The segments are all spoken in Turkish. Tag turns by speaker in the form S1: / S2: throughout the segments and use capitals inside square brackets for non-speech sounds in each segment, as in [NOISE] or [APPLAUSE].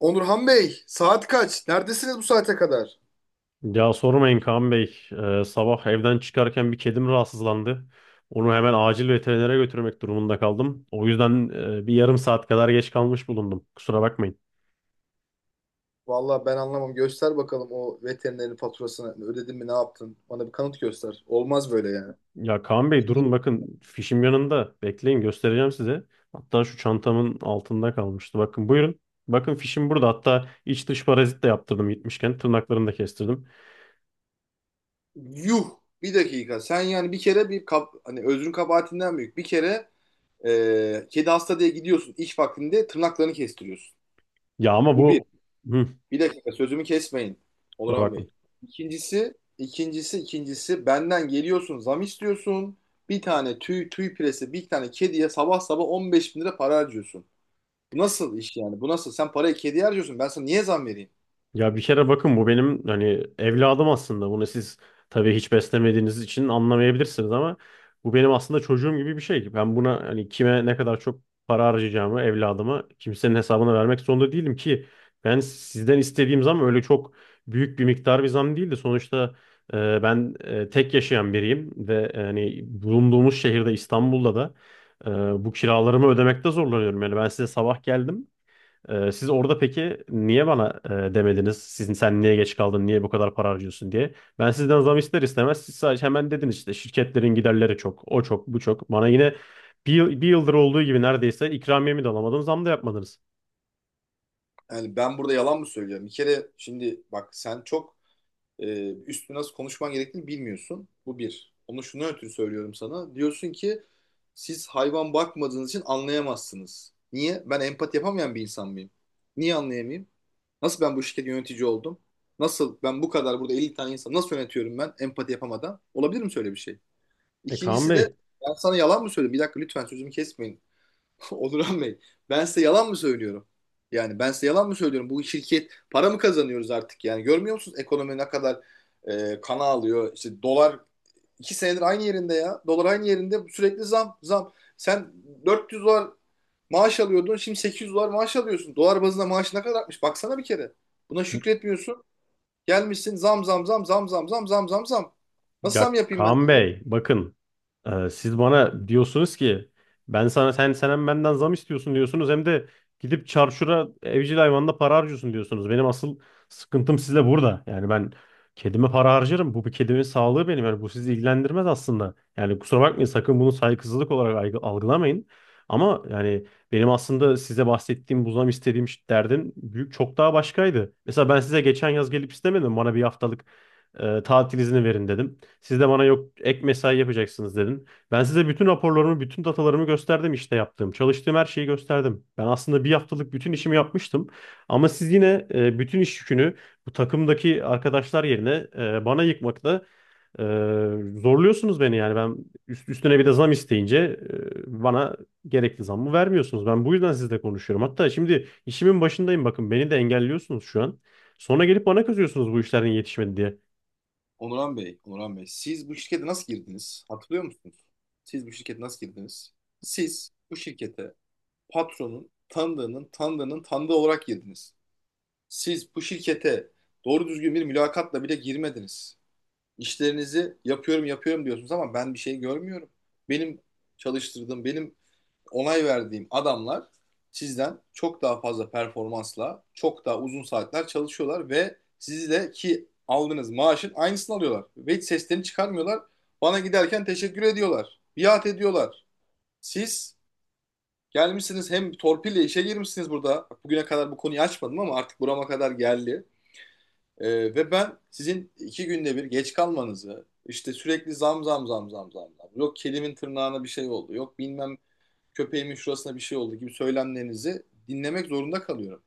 S1: Onurhan Bey, saat kaç? Neredesiniz bu saate kadar?
S2: Ya sormayın Kaan Bey. Sabah evden çıkarken bir kedim rahatsızlandı. Onu hemen acil veterinere götürmek durumunda kaldım. O yüzden bir yarım saat kadar geç kalmış bulundum. Kusura bakmayın.
S1: Vallahi ben anlamam. Göster bakalım o veterinerin faturasını. Ödedin mi, ne yaptın? Bana bir kanıt göster. Olmaz böyle yani.
S2: Ya Kaan Bey, durun bakın, fişim yanında. Bekleyin, göstereceğim size. Hatta şu çantamın altında kalmıştı. Bakın buyurun. Bakın, fişim burada. Hatta iç dış parazit de yaptırdım gitmişken. Tırnaklarını da kestirdim.
S1: Yuh, bir dakika. Sen yani bir kere hani özrün kabahatinden büyük. Bir kere kedi hasta diye gidiyorsun, iş vaktinde tırnaklarını kestiriyorsun.
S2: Ya ama
S1: Bu bir.
S2: bu... Hı.
S1: Bir dakika, sözümü kesmeyin
S2: Kusura
S1: Onuran
S2: bakmayın.
S1: Bey. İkincisi, ikincisi, ikincisi benden geliyorsun zam istiyorsun. Bir tane tüy piresi, bir tane kediye sabah sabah 15 bin lira para harcıyorsun. Bu nasıl iş yani? Bu nasıl? Sen parayı kediye harcıyorsun. Ben sana niye zam vereyim?
S2: Ya bir kere bakın, bu benim hani evladım aslında. Bunu siz tabii hiç beslemediğiniz için anlamayabilirsiniz ama bu benim aslında çocuğum gibi bir şey. Ben buna hani kime ne kadar çok para harcayacağımı evladıma kimsenin hesabına vermek zorunda değilim ki. Ben sizden istediğim zam öyle çok büyük bir miktar bir zam değildi. Sonuçta ben tek yaşayan biriyim ve hani bulunduğumuz şehirde İstanbul'da da bu kiralarımı ödemekte zorlanıyorum. Yani ben size sabah geldim. Siz orada peki niye bana demediniz? Sizin sen niye geç kaldın? Niye bu kadar para harcıyorsun diye. Ben sizden zam ister istemez siz sadece hemen dediniz işte şirketlerin giderleri çok, o çok, bu çok. Bana yine bir yıldır olduğu gibi neredeyse ikramiyemi de alamadım, zam da yapmadınız.
S1: Yani ben burada yalan mı söylüyorum? Bir kere şimdi bak, sen çok, üstü nasıl konuşman gerektiğini bilmiyorsun. Bu bir. Onu şuna ötürü söylüyorum sana. Diyorsun ki siz hayvan bakmadığınız için anlayamazsınız. Niye? Ben empati yapamayan bir insan mıyım? Niye anlayamayayım? Nasıl ben bu şirketin yönetici oldum? Nasıl ben bu kadar burada 50 tane insan nasıl yönetiyorum, ben empati yapamadan? Olabilir mi şöyle bir şey?
S2: E Kaan
S1: İkincisi de
S2: Bey
S1: ben sana yalan mı söyledim? Bir dakika, lütfen sözümü kesmeyin. [LAUGHS] Onurhan Bey, ben size yalan mı söylüyorum? Yani ben size yalan mı söylüyorum? Bu şirket para mı kazanıyoruz artık? Yani görmüyor musunuz ekonomi ne kadar kana alıyor? İşte dolar iki senedir aynı yerinde ya. Dolar aynı yerinde, sürekli zam zam. Sen 400 dolar maaş alıyordun, şimdi 800 dolar maaş alıyorsun. Dolar bazında maaş ne kadar artmış? Baksana bir kere. Buna şükretmiyorsun. Gelmişsin zam zam zam zam zam zam zam zam zam. Nasıl zam
S2: Ya
S1: yapayım ben
S2: Kaan
S1: size?
S2: Bey, bakın, siz bana diyorsunuz ki ben sana sen hem benden zam istiyorsun diyorsunuz hem de gidip çarşura evcil hayvanla para harcıyorsun diyorsunuz. Benim asıl sıkıntım sizle burada. Yani ben kedime para harcarım. Bu bir kedimin sağlığı benim. Yani bu sizi ilgilendirmez aslında. Yani kusura bakmayın, sakın bunu saygısızlık olarak algılamayın. Ama yani benim aslında size bahsettiğim bu zam istediğim derdin büyük çok daha başkaydı. Mesela ben size geçen yaz gelip istemedim, bana bir haftalık tatil izni verin dedim. Siz de bana yok ek mesai yapacaksınız dedin. Ben size bütün raporlarımı, bütün datalarımı gösterdim işte yaptığım. Çalıştığım her şeyi gösterdim. Ben aslında bir haftalık bütün işimi yapmıştım. Ama siz yine bütün iş yükünü bu takımdaki arkadaşlar yerine bana yıkmakla e, zorluyorsunuz beni yani. Ben üstüne bir de zam isteyince bana gerekli zammı vermiyorsunuz. Ben bu yüzden sizle konuşuyorum. Hatta şimdi işimin başındayım, bakın beni de engelliyorsunuz şu an. Sonra gelip bana kızıyorsunuz bu işlerin yetişmedi diye.
S1: Onuran Bey, Onuran Bey, siz bu şirkete nasıl girdiniz? Hatırlıyor musunuz? Siz bu şirkete nasıl girdiniz? Siz bu şirkete patronun tanıdığının tanıdığının tanıdığı olarak girdiniz. Siz bu şirkete doğru düzgün bir mülakatla bile girmediniz. İşlerinizi yapıyorum yapıyorum diyorsunuz ama ben bir şey görmüyorum. Benim çalıştırdığım, benim onay verdiğim adamlar sizden çok daha fazla performansla, çok daha uzun saatler çalışıyorlar ve sizi de ki aldığınız maaşın aynısını alıyorlar. Ve hiç seslerini çıkarmıyorlar. Bana giderken teşekkür ediyorlar. Biat ediyorlar. Siz gelmişsiniz hem torpille işe girmişsiniz burada. Bugüne kadar bu konuyu açmadım ama artık burama kadar geldi. Ve ben sizin iki günde bir geç kalmanızı, işte sürekli zam zam zam zam zam, zam, yok kedimin tırnağına bir şey oldu, yok bilmem köpeğimin şurasına bir şey oldu gibi söylemlerinizi dinlemek zorunda kalıyorum.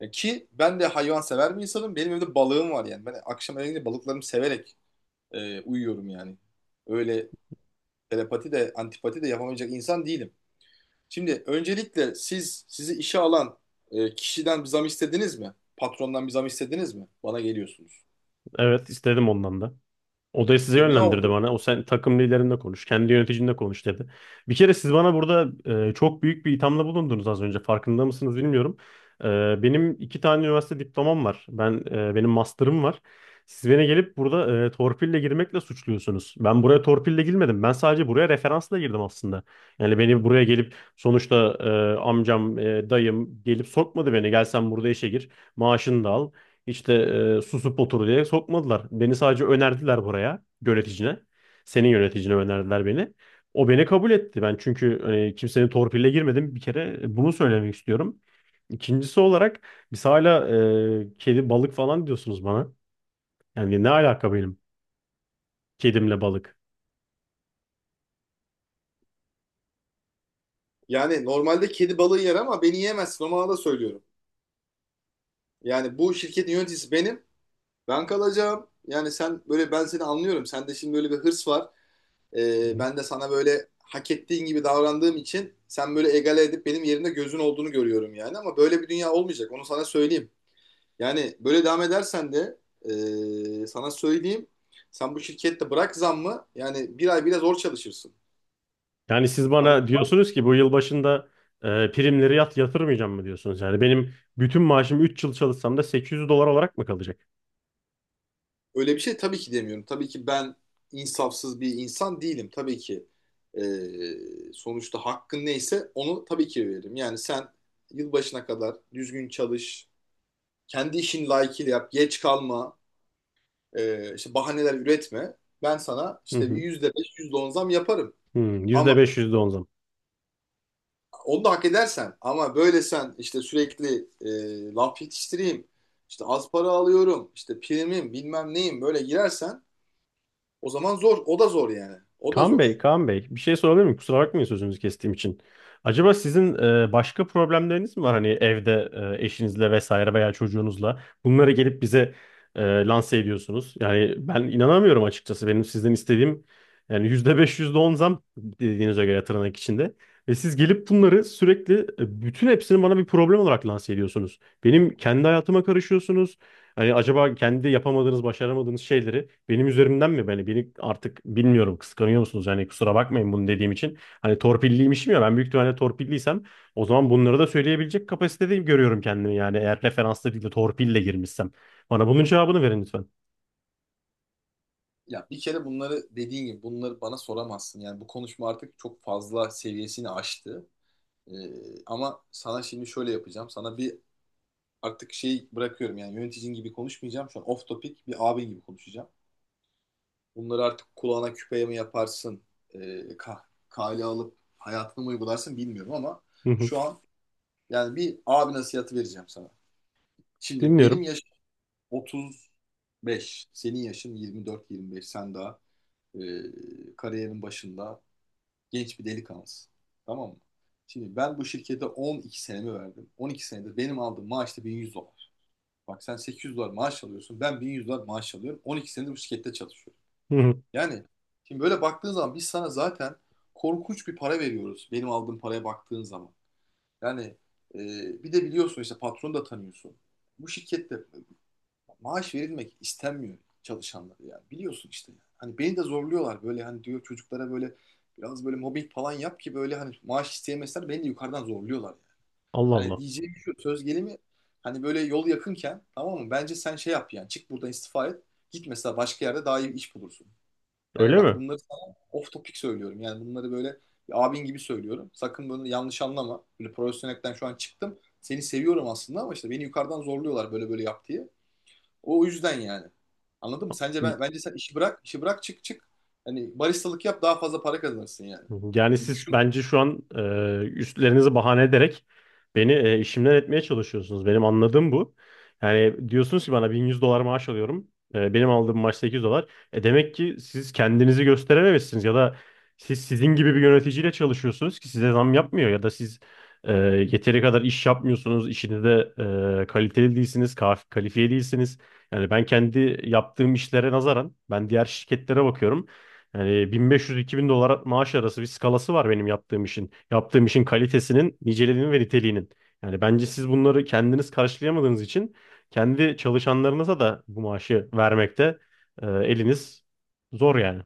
S1: Ki ben de hayvan sever bir insanım. Benim evde balığım var yani. Ben akşam eve gidince balıklarımı severek uyuyorum yani. Öyle telepati de antipati de yapamayacak insan değilim. Şimdi öncelikle siz, sizi işe alan kişiden bir zam istediniz mi? Patrondan bir zam istediniz mi? Bana geliyorsunuz.
S2: Evet istedim, ondan da. Odayı size
S1: E, ne
S2: yönlendirdi
S1: oldu?
S2: bana. O, sen takım liderinle konuş, kendi yöneticinle konuş dedi. Bir kere siz bana burada çok büyük bir ithamda bulundunuz az önce. Farkında mısınız bilmiyorum. Benim iki tane üniversite diplomam var. Benim master'ım var. Siz beni gelip burada torpille girmekle suçluyorsunuz. Ben buraya torpille girmedim. Ben sadece buraya referansla girdim aslında. Yani beni buraya gelip sonuçta amcam, dayım gelip sokmadı beni. Gel sen burada işe gir, maaşını da al. İşte susup otur diye sokmadılar. Beni sadece önerdiler buraya yöneticine. Senin yöneticine önerdiler beni. O beni kabul etti. Ben çünkü hani, kimsenin torpille girmedim. Bir kere bunu söylemek istiyorum. İkincisi olarak biz hala kedi balık falan diyorsunuz bana. Yani ne alaka benim kedimle balık?
S1: Yani normalde kedi balığı yer ama beni yiyemezsin. O manada söylüyorum. Yani bu şirketin yöneticisi benim. Ben kalacağım. Yani sen böyle, ben seni anlıyorum. Sende şimdi böyle bir hırs var.
S2: Hı.
S1: Ben de sana böyle hak ettiğin gibi davrandığım için sen böyle egale edip benim yerimde gözün olduğunu görüyorum yani. Ama böyle bir dünya olmayacak. Onu sana söyleyeyim. Yani böyle devam edersen de sana söyleyeyim. Sen bu şirkette bırak zammı, yani bir ay bile zor çalışırsın.
S2: Yani siz
S1: Haberin
S2: bana diyorsunuz ki bu yıl başında primleri yatırmayacağım mı diyorsunuz? Yani benim bütün maaşım 3 yıl çalışsam da 800 dolar olarak mı kalacak?
S1: Öyle bir şey tabii ki demiyorum. Tabii ki ben insafsız bir insan değilim. Tabii ki sonuçta hakkın neyse onu tabii ki veririm. Yani sen yılbaşına kadar düzgün çalış, kendi işini layıkıyla yap, geç kalma, işte bahaneler üretme. Ben sana
S2: Hı
S1: işte bir
S2: hı.
S1: %5, yüzde on zam yaparım.
S2: Hı,
S1: Ama
S2: %5, %10 zam.
S1: onu da hak edersen. Ama böyle sen işte sürekli laf yetiştireyim, işte az para alıyorum, işte primim bilmem neyim böyle girersen, o zaman zor, o da zor yani. O da
S2: Kaan Bey,
S1: zor.
S2: Kaan Bey, bir şey sorabilir miyim? Kusura bakmayın sözünüzü kestiğim için. Acaba sizin başka problemleriniz mi var? Hani evde eşinizle vesaire veya çocuğunuzla bunları gelip bize lanse ediyorsunuz. Yani ben inanamıyorum açıkçası. Benim sizden istediğim yani %5 yüzde on zam dediğinize göre, tırnak içinde. Ve siz gelip bunları sürekli bütün hepsini bana bir problem olarak lanse ediyorsunuz. Benim kendi hayatıma karışıyorsunuz. Hani acaba kendi yapamadığınız, başaramadığınız şeyleri benim üzerimden mi? Beni artık bilmiyorum kıskanıyor musunuz? Yani kusura bakmayın bunu dediğim için. Hani torpilliymişim ya, ben büyük ihtimalle torpilliysem o zaman bunları da söyleyebilecek kapasitede görüyorum kendimi. Yani eğer referansla değil de torpille girmişsem. Bana bunun cevabını verin lütfen.
S1: Ya bir kere bunları dediğin gibi bunları bana soramazsın. Yani bu konuşma artık çok fazla seviyesini aştı. Ama sana şimdi şöyle yapacağım. Sana artık şey bırakıyorum, yani yöneticin gibi konuşmayacağım. Şu an off topic bir abin gibi konuşacağım. Bunları artık kulağına küpeye mi yaparsın? E, kah kale alıp hayatına mı uygularsın bilmiyorum, ama
S2: Hı hı.
S1: şu an yani bir abi nasihatı vereceğim sana. Şimdi benim
S2: Dinliyorum.
S1: yaşım 35. Senin yaşın 24-25. Sen daha kariyerin başında. Genç bir delikanlısın. Tamam mı? Şimdi ben bu şirkete 12 senemi verdim. 12 senedir benim aldığım maaş da 1100 dolar. Bak, sen 800 dolar maaş alıyorsun. Ben 1100 dolar maaş alıyorum. 12 senedir bu şirkette çalışıyorum.
S2: Hı hı.
S1: Yani şimdi böyle baktığın zaman biz sana zaten korkunç bir para veriyoruz. Benim aldığım paraya baktığın zaman. Yani e, bir de biliyorsun işte, patronu da tanıyorsun. Bu şirkette maaş verilmek istenmiyor çalışanlara yani. Biliyorsun işte. Ya. Hani beni de zorluyorlar böyle, hani diyor çocuklara böyle biraz böyle mobbing falan yap ki böyle hani maaş isteyemezler, beni de yukarıdan zorluyorlar yani.
S2: Allah
S1: Hani
S2: Allah.
S1: diyeceğim şu, söz gelimi hani böyle yol yakınken, tamam mı? Bence sen şey yap, yani çık buradan, istifa et. Git mesela, başka yerde daha iyi bir iş bulursun. Yani
S2: Öyle
S1: bak,
S2: mi?
S1: bunları sana off topic söylüyorum. Yani bunları böyle bir abin gibi söylüyorum. Sakın bunu yanlış anlama. Böyle profesyonelden şu an çıktım. Seni seviyorum aslında ama işte beni yukarıdan zorluyorlar, böyle böyle yap diye. O yüzden yani. Anladın mı? Sence bence sen işi bırak, işi bırak, çık çık. Hani baristalık yap, daha fazla para kazanırsın yani.
S2: Hı hı. Yani
S1: Bir
S2: siz
S1: düşün.
S2: bence şu an üstlerinizi bahane ederek beni işimden etmeye çalışıyorsunuz. Benim anladığım bu. Yani diyorsunuz ki bana 1100 dolar maaş alıyorum. Benim aldığım maaş 800 dolar. Demek ki siz kendinizi gösterememişsiniz ya da siz sizin gibi bir yöneticiyle çalışıyorsunuz ki size zam yapmıyor ya da siz e, yeteri kadar iş yapmıyorsunuz. İşinizde kaliteli değilsiniz, kalifiye değilsiniz. Yani ben kendi yaptığım işlere nazaran ben diğer şirketlere bakıyorum. Yani 1500-2000 dolar maaş arası bir skalası var benim yaptığım işin. Yaptığım işin kalitesinin, niceliğinin ve niteliğinin. Yani bence siz bunları kendiniz karşılayamadığınız için kendi çalışanlarınıza da bu maaşı vermekte eliniz zor yani.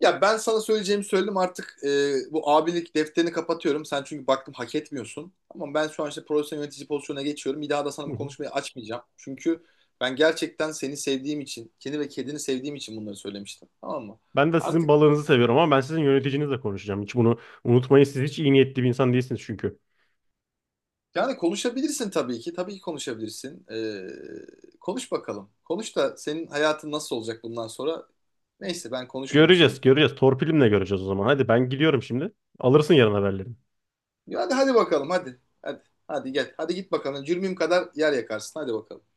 S1: Ya ben sana söyleyeceğimi söyledim artık, bu abilik defterini kapatıyorum. Sen, çünkü baktım, hak etmiyorsun. Ama ben şu an işte profesyonel yönetici pozisyonuna geçiyorum. Bir daha da sana
S2: Hı
S1: bu
S2: hı.
S1: konuşmayı açmayacağım. Çünkü ben gerçekten seni sevdiğim için, kendi ve kedini sevdiğim için bunları söylemiştim. Tamam mı?
S2: Ben de sizin
S1: Artık
S2: balığınızı seviyorum ama ben sizin yöneticinizle konuşacağım. Hiç bunu unutmayın. Siz hiç iyi niyetli bir insan değilsiniz çünkü.
S1: yani konuşabilirsin tabii ki. Tabii ki konuşabilirsin. Konuş bakalım. Konuş da senin hayatın nasıl olacak bundan sonra? Neyse, ben konuşmayayım
S2: Göreceğiz,
S1: şimdi.
S2: göreceğiz. Torpilimle göreceğiz o zaman. Hadi ben gidiyorum şimdi. Alırsın yarın haberleri.
S1: Ya hadi hadi bakalım, hadi. Hadi hadi gel. Hadi git bakalım. Cürmüm kadar yer yakarsın. Hadi bakalım.